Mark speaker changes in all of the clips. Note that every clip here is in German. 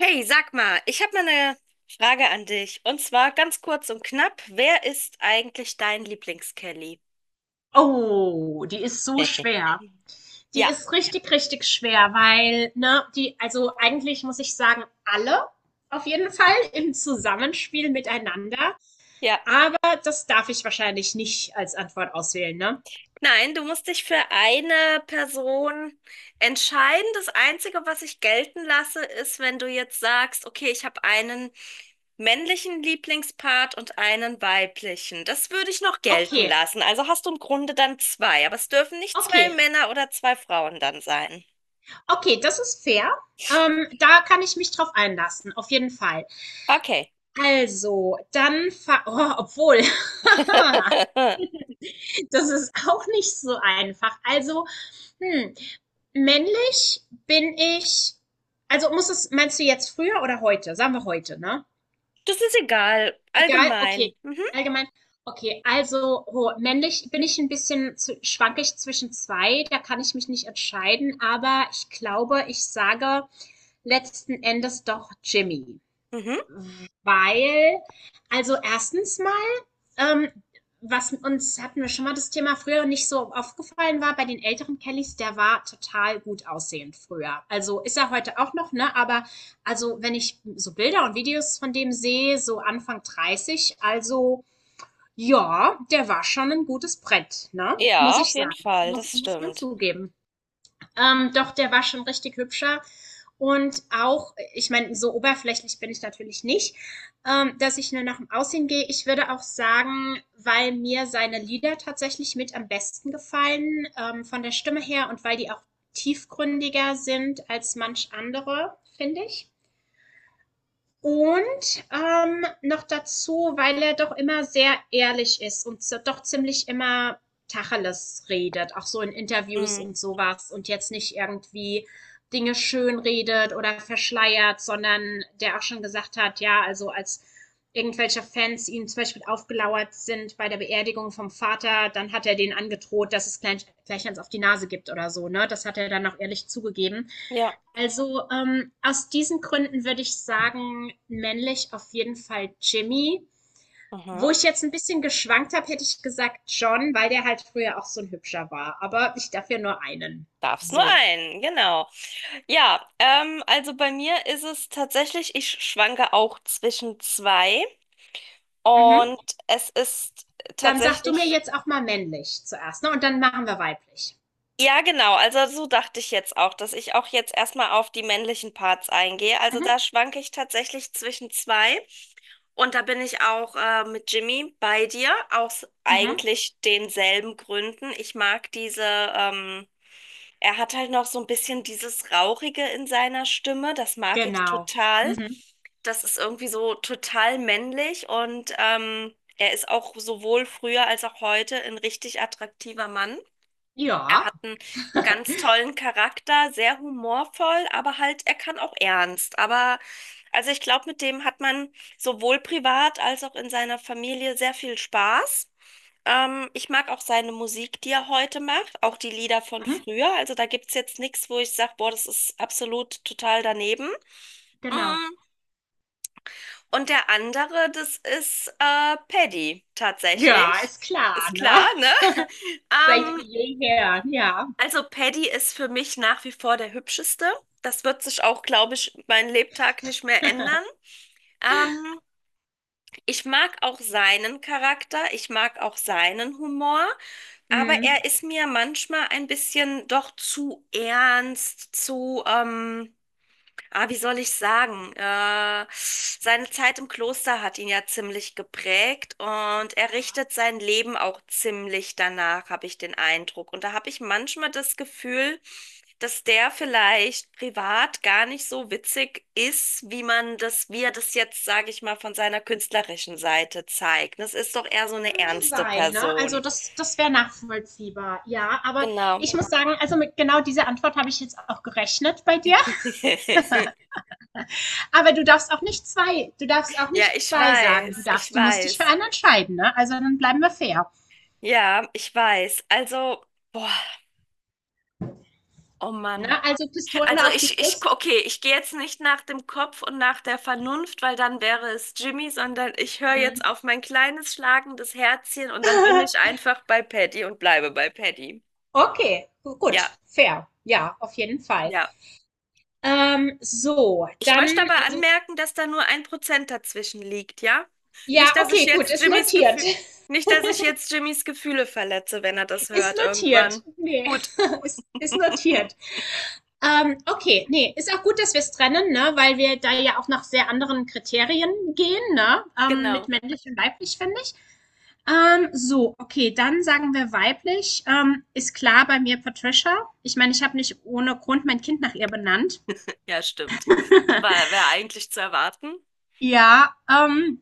Speaker 1: Hey, sag mal, ich habe mal eine Frage an dich. Und zwar ganz kurz und knapp, wer ist eigentlich dein Lieblings-Kelly?
Speaker 2: Oh, die ist so schwer. Die
Speaker 1: Ja,
Speaker 2: ist richtig, richtig schwer, weil, ne, die, also eigentlich muss ich sagen, alle auf jeden Fall im Zusammenspiel miteinander.
Speaker 1: ja.
Speaker 2: Aber das darf ich wahrscheinlich nicht als Antwort auswählen, ne?
Speaker 1: Nein, du musst dich für eine Person entscheiden. Das Einzige, was ich gelten lasse, ist, wenn du jetzt sagst, okay, ich habe einen männlichen Lieblingspart und einen weiblichen. Das würde ich noch gelten
Speaker 2: Okay,
Speaker 1: lassen. Also hast du im Grunde dann zwei, aber es dürfen nicht zwei
Speaker 2: okay,
Speaker 1: Männer oder zwei Frauen dann sein.
Speaker 2: okay, das ist fair. Da kann ich mich drauf einlassen, auf jeden Fall.
Speaker 1: Okay.
Speaker 2: Also, dann, oh, obwohl, das ist auch nicht so einfach. Also, Hm, männlich bin ich, muss es, meinst du jetzt früher oder heute? Sagen wir heute, ne?
Speaker 1: Das ist egal,
Speaker 2: Egal,
Speaker 1: allgemein.
Speaker 2: okay.
Speaker 1: Mhm.
Speaker 2: Allgemein. Okay, also ho männlich bin ich ein bisschen, zw schwanke ich zwischen 2. Da kann ich mich nicht entscheiden, aber ich glaube, ich sage letzten Endes doch Jimmy.
Speaker 1: Mhm.
Speaker 2: Weil, also erstens mal, ähm, was uns, hatten wir schon mal das Thema, früher nicht so aufgefallen war, bei den älteren Kellys, der war total gut aussehend früher. Also ist er heute auch noch, ne? Aber also wenn ich so Bilder und Videos von dem sehe, so Anfang 30, also ja, der war schon ein gutes Brett, ne? Muss
Speaker 1: Ja, auf
Speaker 2: ich
Speaker 1: jeden
Speaker 2: sagen.
Speaker 1: Fall,
Speaker 2: Muss,
Speaker 1: das
Speaker 2: muss man
Speaker 1: stimmt.
Speaker 2: zugeben. Doch, der war schon richtig hübscher. Und auch, ich meine, so oberflächlich bin ich natürlich nicht, dass ich nur nach dem Aussehen gehe. Ich würde auch sagen, weil mir seine Lieder tatsächlich mit am besten gefallen, von der Stimme her, und weil die auch tiefgründiger sind als manch andere, finde ich. Und noch dazu, weil er doch immer sehr ehrlich ist und so, doch ziemlich immer Tacheles redet, auch so in Interviews
Speaker 1: Mhm.
Speaker 2: und sowas, und jetzt nicht irgendwie Dinge schön redet oder verschleiert, sondern der auch schon gesagt hat, ja, also als irgendwelche Fans ihm zum Beispiel aufgelauert sind bei der Beerdigung vom Vater, dann hat er denen angedroht, dass es gleich eins auf die Nase gibt oder so, ne? Das hat er dann auch ehrlich zugegeben.
Speaker 1: Ja.
Speaker 2: Also, aus diesen Gründen würde ich sagen, männlich auf jeden Fall Jimmy. Wo
Speaker 1: Mhm.
Speaker 2: ich jetzt ein bisschen geschwankt habe, hätte ich gesagt John, weil der halt früher auch so ein hübscher war. Aber ich darf ja nur einen.
Speaker 1: Darf's nur
Speaker 2: So.
Speaker 1: einen, genau. Ja, also bei mir ist es tatsächlich, ich schwanke auch zwischen zwei
Speaker 2: Mhm.
Speaker 1: und es ist
Speaker 2: Dann sag du mir
Speaker 1: tatsächlich,
Speaker 2: jetzt auch mal männlich zuerst, ne? Und dann machen wir weiblich.
Speaker 1: ja genau, also so dachte ich jetzt auch, dass ich auch jetzt erstmal auf die männlichen Parts eingehe. Also
Speaker 2: Mhm.
Speaker 1: da schwanke ich tatsächlich zwischen zwei. Und da bin ich auch mit Jimmy bei dir, aus
Speaker 2: Mhm.
Speaker 1: eigentlich denselben Gründen. Ich mag diese, ähm, er hat halt noch so ein bisschen dieses Rauchige in seiner Stimme. Das mag ich
Speaker 2: Genau.
Speaker 1: total.
Speaker 2: Mhm.
Speaker 1: Das ist irgendwie so total männlich und er ist auch sowohl früher als auch heute ein richtig attraktiver Mann. Er
Speaker 2: Ja.
Speaker 1: hat einen ganz tollen Charakter, sehr humorvoll, aber halt, er kann auch ernst. Aber also ich glaube, mit dem hat man sowohl privat als auch in seiner Familie sehr viel Spaß. Ich mag auch seine Musik, die er heute macht, auch die Lieder von
Speaker 2: Mhm.
Speaker 1: früher. Also da gibt es jetzt nichts, wo ich sage, boah, das ist absolut total daneben.
Speaker 2: Genau.
Speaker 1: Mm. Und der andere, das ist Paddy
Speaker 2: Ja,
Speaker 1: tatsächlich.
Speaker 2: ist klar,
Speaker 1: Ist
Speaker 2: ne?
Speaker 1: klar, ne?
Speaker 2: Seit
Speaker 1: Ähm,
Speaker 2: jeher, ja.
Speaker 1: Also Paddy ist für mich nach wie vor der hübscheste. Das wird sich auch, glaube ich, mein Lebtag nicht mehr ändern. Ähm, ich mag auch seinen Charakter, ich mag auch seinen Humor, aber
Speaker 2: Mhm.
Speaker 1: er ist mir manchmal ein bisschen doch zu ernst, Ah, wie soll ich sagen? Seine Zeit im Kloster hat ihn ja ziemlich geprägt und er richtet sein Leben auch ziemlich danach, habe ich den Eindruck. Und da habe ich manchmal das Gefühl, dass der vielleicht privat gar nicht so witzig ist, wie man das, wie er das jetzt, sage ich mal, von seiner künstlerischen Seite zeigt. Das ist doch eher so eine
Speaker 2: Könnte
Speaker 1: ernste
Speaker 2: sein, ne? Also,
Speaker 1: Person.
Speaker 2: das, das wäre nachvollziehbar, ja. Aber
Speaker 1: Genau.
Speaker 2: ich muss sagen, also mit genau dieser Antwort habe ich jetzt auch gerechnet bei dir. Aber du darfst auch nicht zwei, du darfst auch
Speaker 1: Ja,
Speaker 2: nicht
Speaker 1: ich
Speaker 2: zwei sagen. Du
Speaker 1: weiß, ich
Speaker 2: darfst, du musst dich für
Speaker 1: weiß.
Speaker 2: einen entscheiden, ne? Also dann bleiben wir fair.
Speaker 1: Ja, ich weiß. Also, boah. Oh
Speaker 2: Ne?
Speaker 1: Mann.
Speaker 2: Also
Speaker 1: Also
Speaker 2: Pistole auf die Brust.
Speaker 1: okay, ich gehe jetzt nicht nach dem Kopf und nach der Vernunft, weil dann wäre es Jimmy, sondern ich höre jetzt
Speaker 2: Hm.
Speaker 1: auf mein kleines schlagendes Herzchen und dann bin ich einfach bei Paddy und bleibe bei Paddy.
Speaker 2: Okay,
Speaker 1: Ja,
Speaker 2: gut, fair. Ja, auf jeden Fall.
Speaker 1: ja.
Speaker 2: So,
Speaker 1: Ich möchte
Speaker 2: dann,
Speaker 1: aber
Speaker 2: also,
Speaker 1: anmerken, dass da nur 1% dazwischen liegt, ja? Nicht,
Speaker 2: ja,
Speaker 1: dass ich
Speaker 2: okay, gut,
Speaker 1: jetzt
Speaker 2: ist
Speaker 1: Jimmys
Speaker 2: notiert.
Speaker 1: Gefühl, nicht, dass ich jetzt Jimmys Gefühle verletze, wenn er das
Speaker 2: Ist
Speaker 1: hört
Speaker 2: notiert.
Speaker 1: irgendwann.
Speaker 2: Nee,
Speaker 1: Gut,
Speaker 2: ist notiert. Okay, nee, ist auch gut, dass wir es trennen, ne, weil wir da ja auch nach sehr anderen Kriterien gehen, ne, mit
Speaker 1: genau.
Speaker 2: männlich und weiblich, finde ich. So, okay, dann sagen wir weiblich. Ist klar bei mir Patricia. Ich meine, ich habe nicht ohne Grund mein Kind nach ihr benannt.
Speaker 1: Ja, stimmt. War, wäre eigentlich zu erwarten.
Speaker 2: Ja,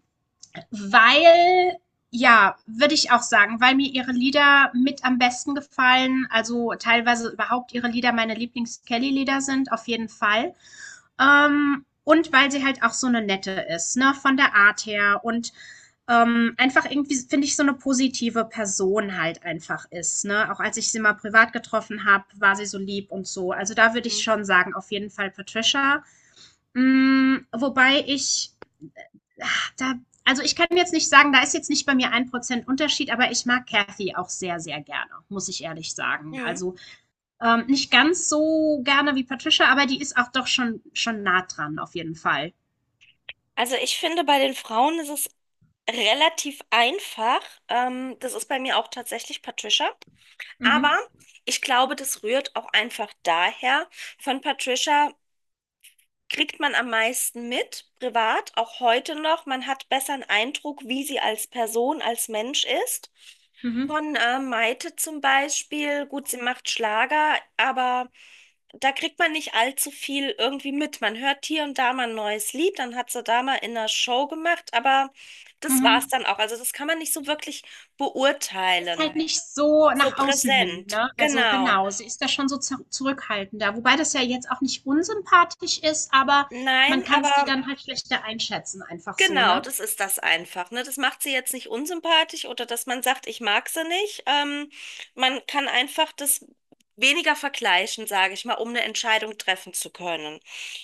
Speaker 2: weil, ja, würde ich auch sagen, weil mir ihre Lieder mit am besten gefallen, also teilweise überhaupt ihre Lieder meine Lieblings-Kelly-Lieder sind, auf jeden Fall. Und weil sie halt auch so eine nette ist, ne, von der Art her, und einfach irgendwie, finde ich, so eine positive Person halt einfach ist, ne. Auch als ich sie mal privat getroffen habe, war sie so lieb und so. Also da würde ich
Speaker 1: Mhm.
Speaker 2: schon sagen, auf jeden Fall Patricia. Hm, wobei ich, ah, da, also ich kann jetzt nicht sagen, da ist jetzt nicht bei mir ein Prozent Unterschied, aber ich mag Kathy auch sehr, sehr gerne, muss ich ehrlich sagen.
Speaker 1: Mhm.
Speaker 2: Also nicht ganz so gerne wie Patricia, aber die ist auch doch schon nah dran, auf jeden Fall.
Speaker 1: Also ich finde, bei den Frauen ist es relativ einfach. Das ist bei mir auch tatsächlich Patricia.
Speaker 2: Mhm,
Speaker 1: Aber ich glaube, das rührt auch einfach daher. Von Patricia kriegt man am meisten mit, privat, auch heute noch. Man hat besser einen Eindruck, wie sie als Person, als Mensch ist.
Speaker 2: mhm,
Speaker 1: Von Maite zum Beispiel, gut, sie macht Schlager, aber da kriegt man nicht allzu viel irgendwie mit. Man hört hier und da mal ein neues Lied, dann hat sie da mal in einer Show gemacht, aber das
Speaker 2: mhm.
Speaker 1: war's dann auch. Also das kann man nicht so wirklich
Speaker 2: Die ist halt
Speaker 1: beurteilen.
Speaker 2: nicht so
Speaker 1: So
Speaker 2: nach außen hin,
Speaker 1: präsent.
Speaker 2: ne? Also
Speaker 1: Genau.
Speaker 2: genau, sie ist da schon so, zu zurückhaltender, wobei das ja jetzt auch nicht unsympathisch ist, aber man
Speaker 1: Nein,
Speaker 2: kann sie
Speaker 1: aber
Speaker 2: dann halt schlechter einschätzen, einfach so,
Speaker 1: genau,
Speaker 2: ne?
Speaker 1: das ist das einfach. Ne? Das macht sie jetzt nicht unsympathisch oder dass man sagt, ich mag sie nicht. Man kann einfach das weniger vergleichen, sage ich mal, um eine Entscheidung treffen zu können.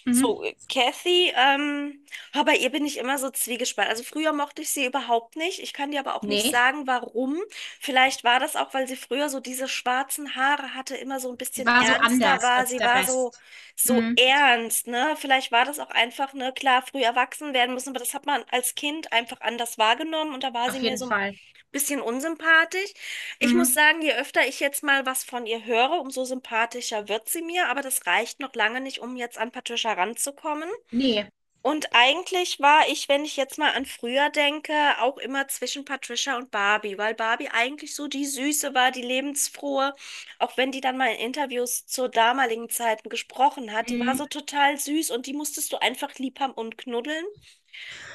Speaker 2: Mhm.
Speaker 1: So, Kathy, oh, bei ihr bin ich immer so zwiegespalten. Also früher mochte ich sie überhaupt nicht. Ich kann dir aber auch nicht
Speaker 2: Nee,
Speaker 1: sagen, warum. Vielleicht war das auch, weil sie früher so diese schwarzen Haare hatte, immer so ein
Speaker 2: sie
Speaker 1: bisschen
Speaker 2: war so
Speaker 1: ernster
Speaker 2: anders
Speaker 1: war.
Speaker 2: als
Speaker 1: Sie
Speaker 2: der
Speaker 1: war so
Speaker 2: Rest.
Speaker 1: so
Speaker 2: Mhm,
Speaker 1: ernst, ne? Vielleicht war das auch einfach, ne, klar, früh erwachsen werden müssen, aber das hat man als Kind einfach anders wahrgenommen und da war sie
Speaker 2: auf
Speaker 1: mir
Speaker 2: jeden
Speaker 1: so ein
Speaker 2: Fall.
Speaker 1: bisschen unsympathisch. Ich muss
Speaker 2: Mhm.
Speaker 1: sagen, je öfter ich jetzt mal was von ihr höre, umso sympathischer wird sie mir, aber das reicht noch lange nicht, um jetzt an Patricia ranzukommen.
Speaker 2: Nee.
Speaker 1: Und eigentlich war ich, wenn ich jetzt mal an früher denke, auch immer zwischen Patricia und Barbie, weil Barbie eigentlich so die Süße war, die lebensfrohe, auch wenn die dann mal in Interviews zu damaligen Zeiten gesprochen hat, die war
Speaker 2: Mhm.
Speaker 1: so total süß und die musstest du einfach lieb haben und knuddeln.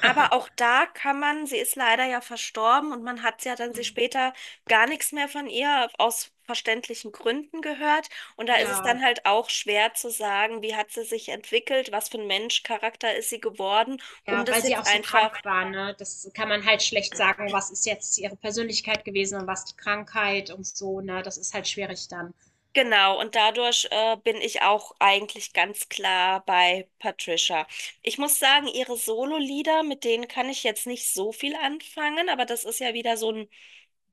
Speaker 1: Aber auch da kann man, sie ist leider ja verstorben und man hat ja dann sie
Speaker 2: Mhm.
Speaker 1: später gar nichts mehr von ihr aus verständlichen Gründen gehört. Und da ist es
Speaker 2: Ja,
Speaker 1: dann halt auch schwer zu sagen, wie hat sie sich entwickelt, was für ein Mensch, Charakter ist sie geworden, um
Speaker 2: ja,
Speaker 1: das
Speaker 2: weil sie auch
Speaker 1: jetzt
Speaker 2: so krank
Speaker 1: einfach,
Speaker 2: war, ne? Das kann man halt schlecht sagen, was ist jetzt ihre Persönlichkeit gewesen und was die Krankheit und so, ne? Das ist halt schwierig dann.
Speaker 1: genau. Und dadurch bin ich auch eigentlich ganz klar bei Patricia. Ich muss sagen, ihre Solo-Lieder, mit denen kann ich jetzt nicht so viel anfangen, aber das ist ja wieder so ein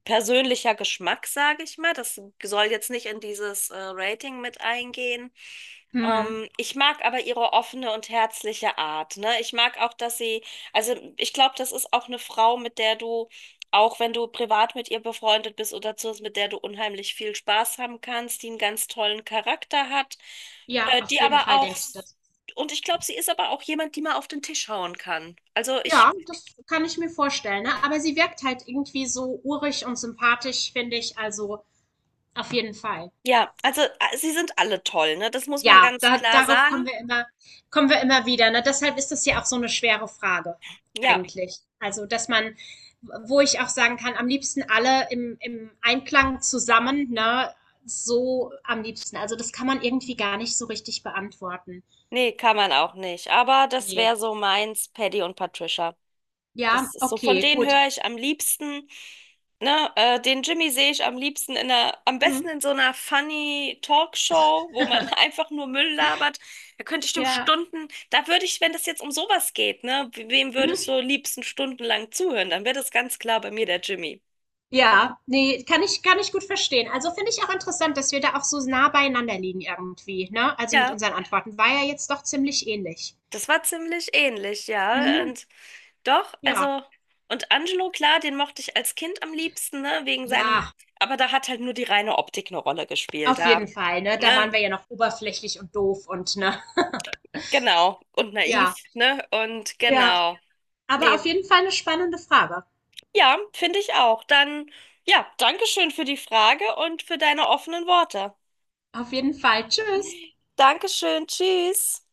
Speaker 1: persönlicher Geschmack, sage ich mal. Das soll jetzt nicht in dieses Rating mit eingehen.
Speaker 2: Mhm.
Speaker 1: Ich mag aber ihre offene und herzliche Art, ne? Ich mag auch, dass sie, also ich glaube, das ist auch eine Frau, mit der du, auch wenn du privat mit ihr befreundet bist oder so, mit der du unheimlich viel Spaß haben kannst, die einen ganz tollen Charakter hat,
Speaker 2: Ja, auf
Speaker 1: die
Speaker 2: jeden
Speaker 1: aber
Speaker 2: Fall
Speaker 1: auch,
Speaker 2: denke ich das.
Speaker 1: und ich glaube, sie ist aber auch jemand, die mal auf den Tisch hauen kann. Also
Speaker 2: Ja,
Speaker 1: ich,
Speaker 2: das kann ich mir vorstellen, ne? Aber sie wirkt halt irgendwie so urig und sympathisch, finde ich, also auf jeden Fall.
Speaker 1: ja, also sie sind alle toll, ne? Das muss man
Speaker 2: Ja,
Speaker 1: ganz
Speaker 2: da
Speaker 1: klar
Speaker 2: darauf
Speaker 1: sagen.
Speaker 2: kommen wir immer wieder, ne? Deshalb ist das ja auch so eine schwere Frage
Speaker 1: Ja,
Speaker 2: eigentlich. Also, dass man, wo ich auch sagen kann, am liebsten alle im Einklang zusammen, ne? So am liebsten. Also, das kann man irgendwie gar nicht so richtig beantworten.
Speaker 1: nee, kann man auch nicht. Aber das
Speaker 2: Ne.
Speaker 1: wäre so meins, Paddy und Patricia.
Speaker 2: Ja,
Speaker 1: Das ist so, von
Speaker 2: okay,
Speaker 1: denen
Speaker 2: gut.
Speaker 1: höre ich am liebsten, ne, den Jimmy sehe ich am liebsten in einer, am besten
Speaker 2: Mhm.
Speaker 1: in so einer funny Talkshow, wo man einfach nur Müll labert. Da könnte ich dem
Speaker 2: Ja.
Speaker 1: Stunden, da würde ich, wenn das jetzt um sowas geht, ne, wem würdest
Speaker 2: Mhm.
Speaker 1: du liebsten stundenlang zuhören? Dann wäre das ganz klar bei mir der Jimmy.
Speaker 2: Ja, ne, kann ich gut verstehen. Also, finde ich auch interessant, dass wir da auch so nah beieinander liegen irgendwie, ne? Also, mit
Speaker 1: Ja,
Speaker 2: unseren Antworten. War ja jetzt doch ziemlich ähnlich.
Speaker 1: das war ziemlich ähnlich, ja.
Speaker 2: Mhm.
Speaker 1: Und doch,
Speaker 2: Ja.
Speaker 1: also, und Angelo, klar, den mochte ich als Kind am liebsten, ne, wegen seinem,
Speaker 2: Ja,
Speaker 1: aber da hat halt nur die reine Optik eine Rolle gespielt,
Speaker 2: auf
Speaker 1: da,
Speaker 2: jeden Fall, ne? Da waren
Speaker 1: ne,
Speaker 2: wir ja noch oberflächlich und doof und ne?
Speaker 1: genau, und
Speaker 2: Ja.
Speaker 1: naiv, ne, und
Speaker 2: Ja,
Speaker 1: genau,
Speaker 2: aber auf
Speaker 1: nee,
Speaker 2: jeden Fall eine spannende Frage.
Speaker 1: ja, finde ich auch. Dann, ja, Dankeschön für die Frage und für deine offenen Worte.
Speaker 2: Auf jeden Fall. Tschüss.
Speaker 1: Dankeschön, tschüss.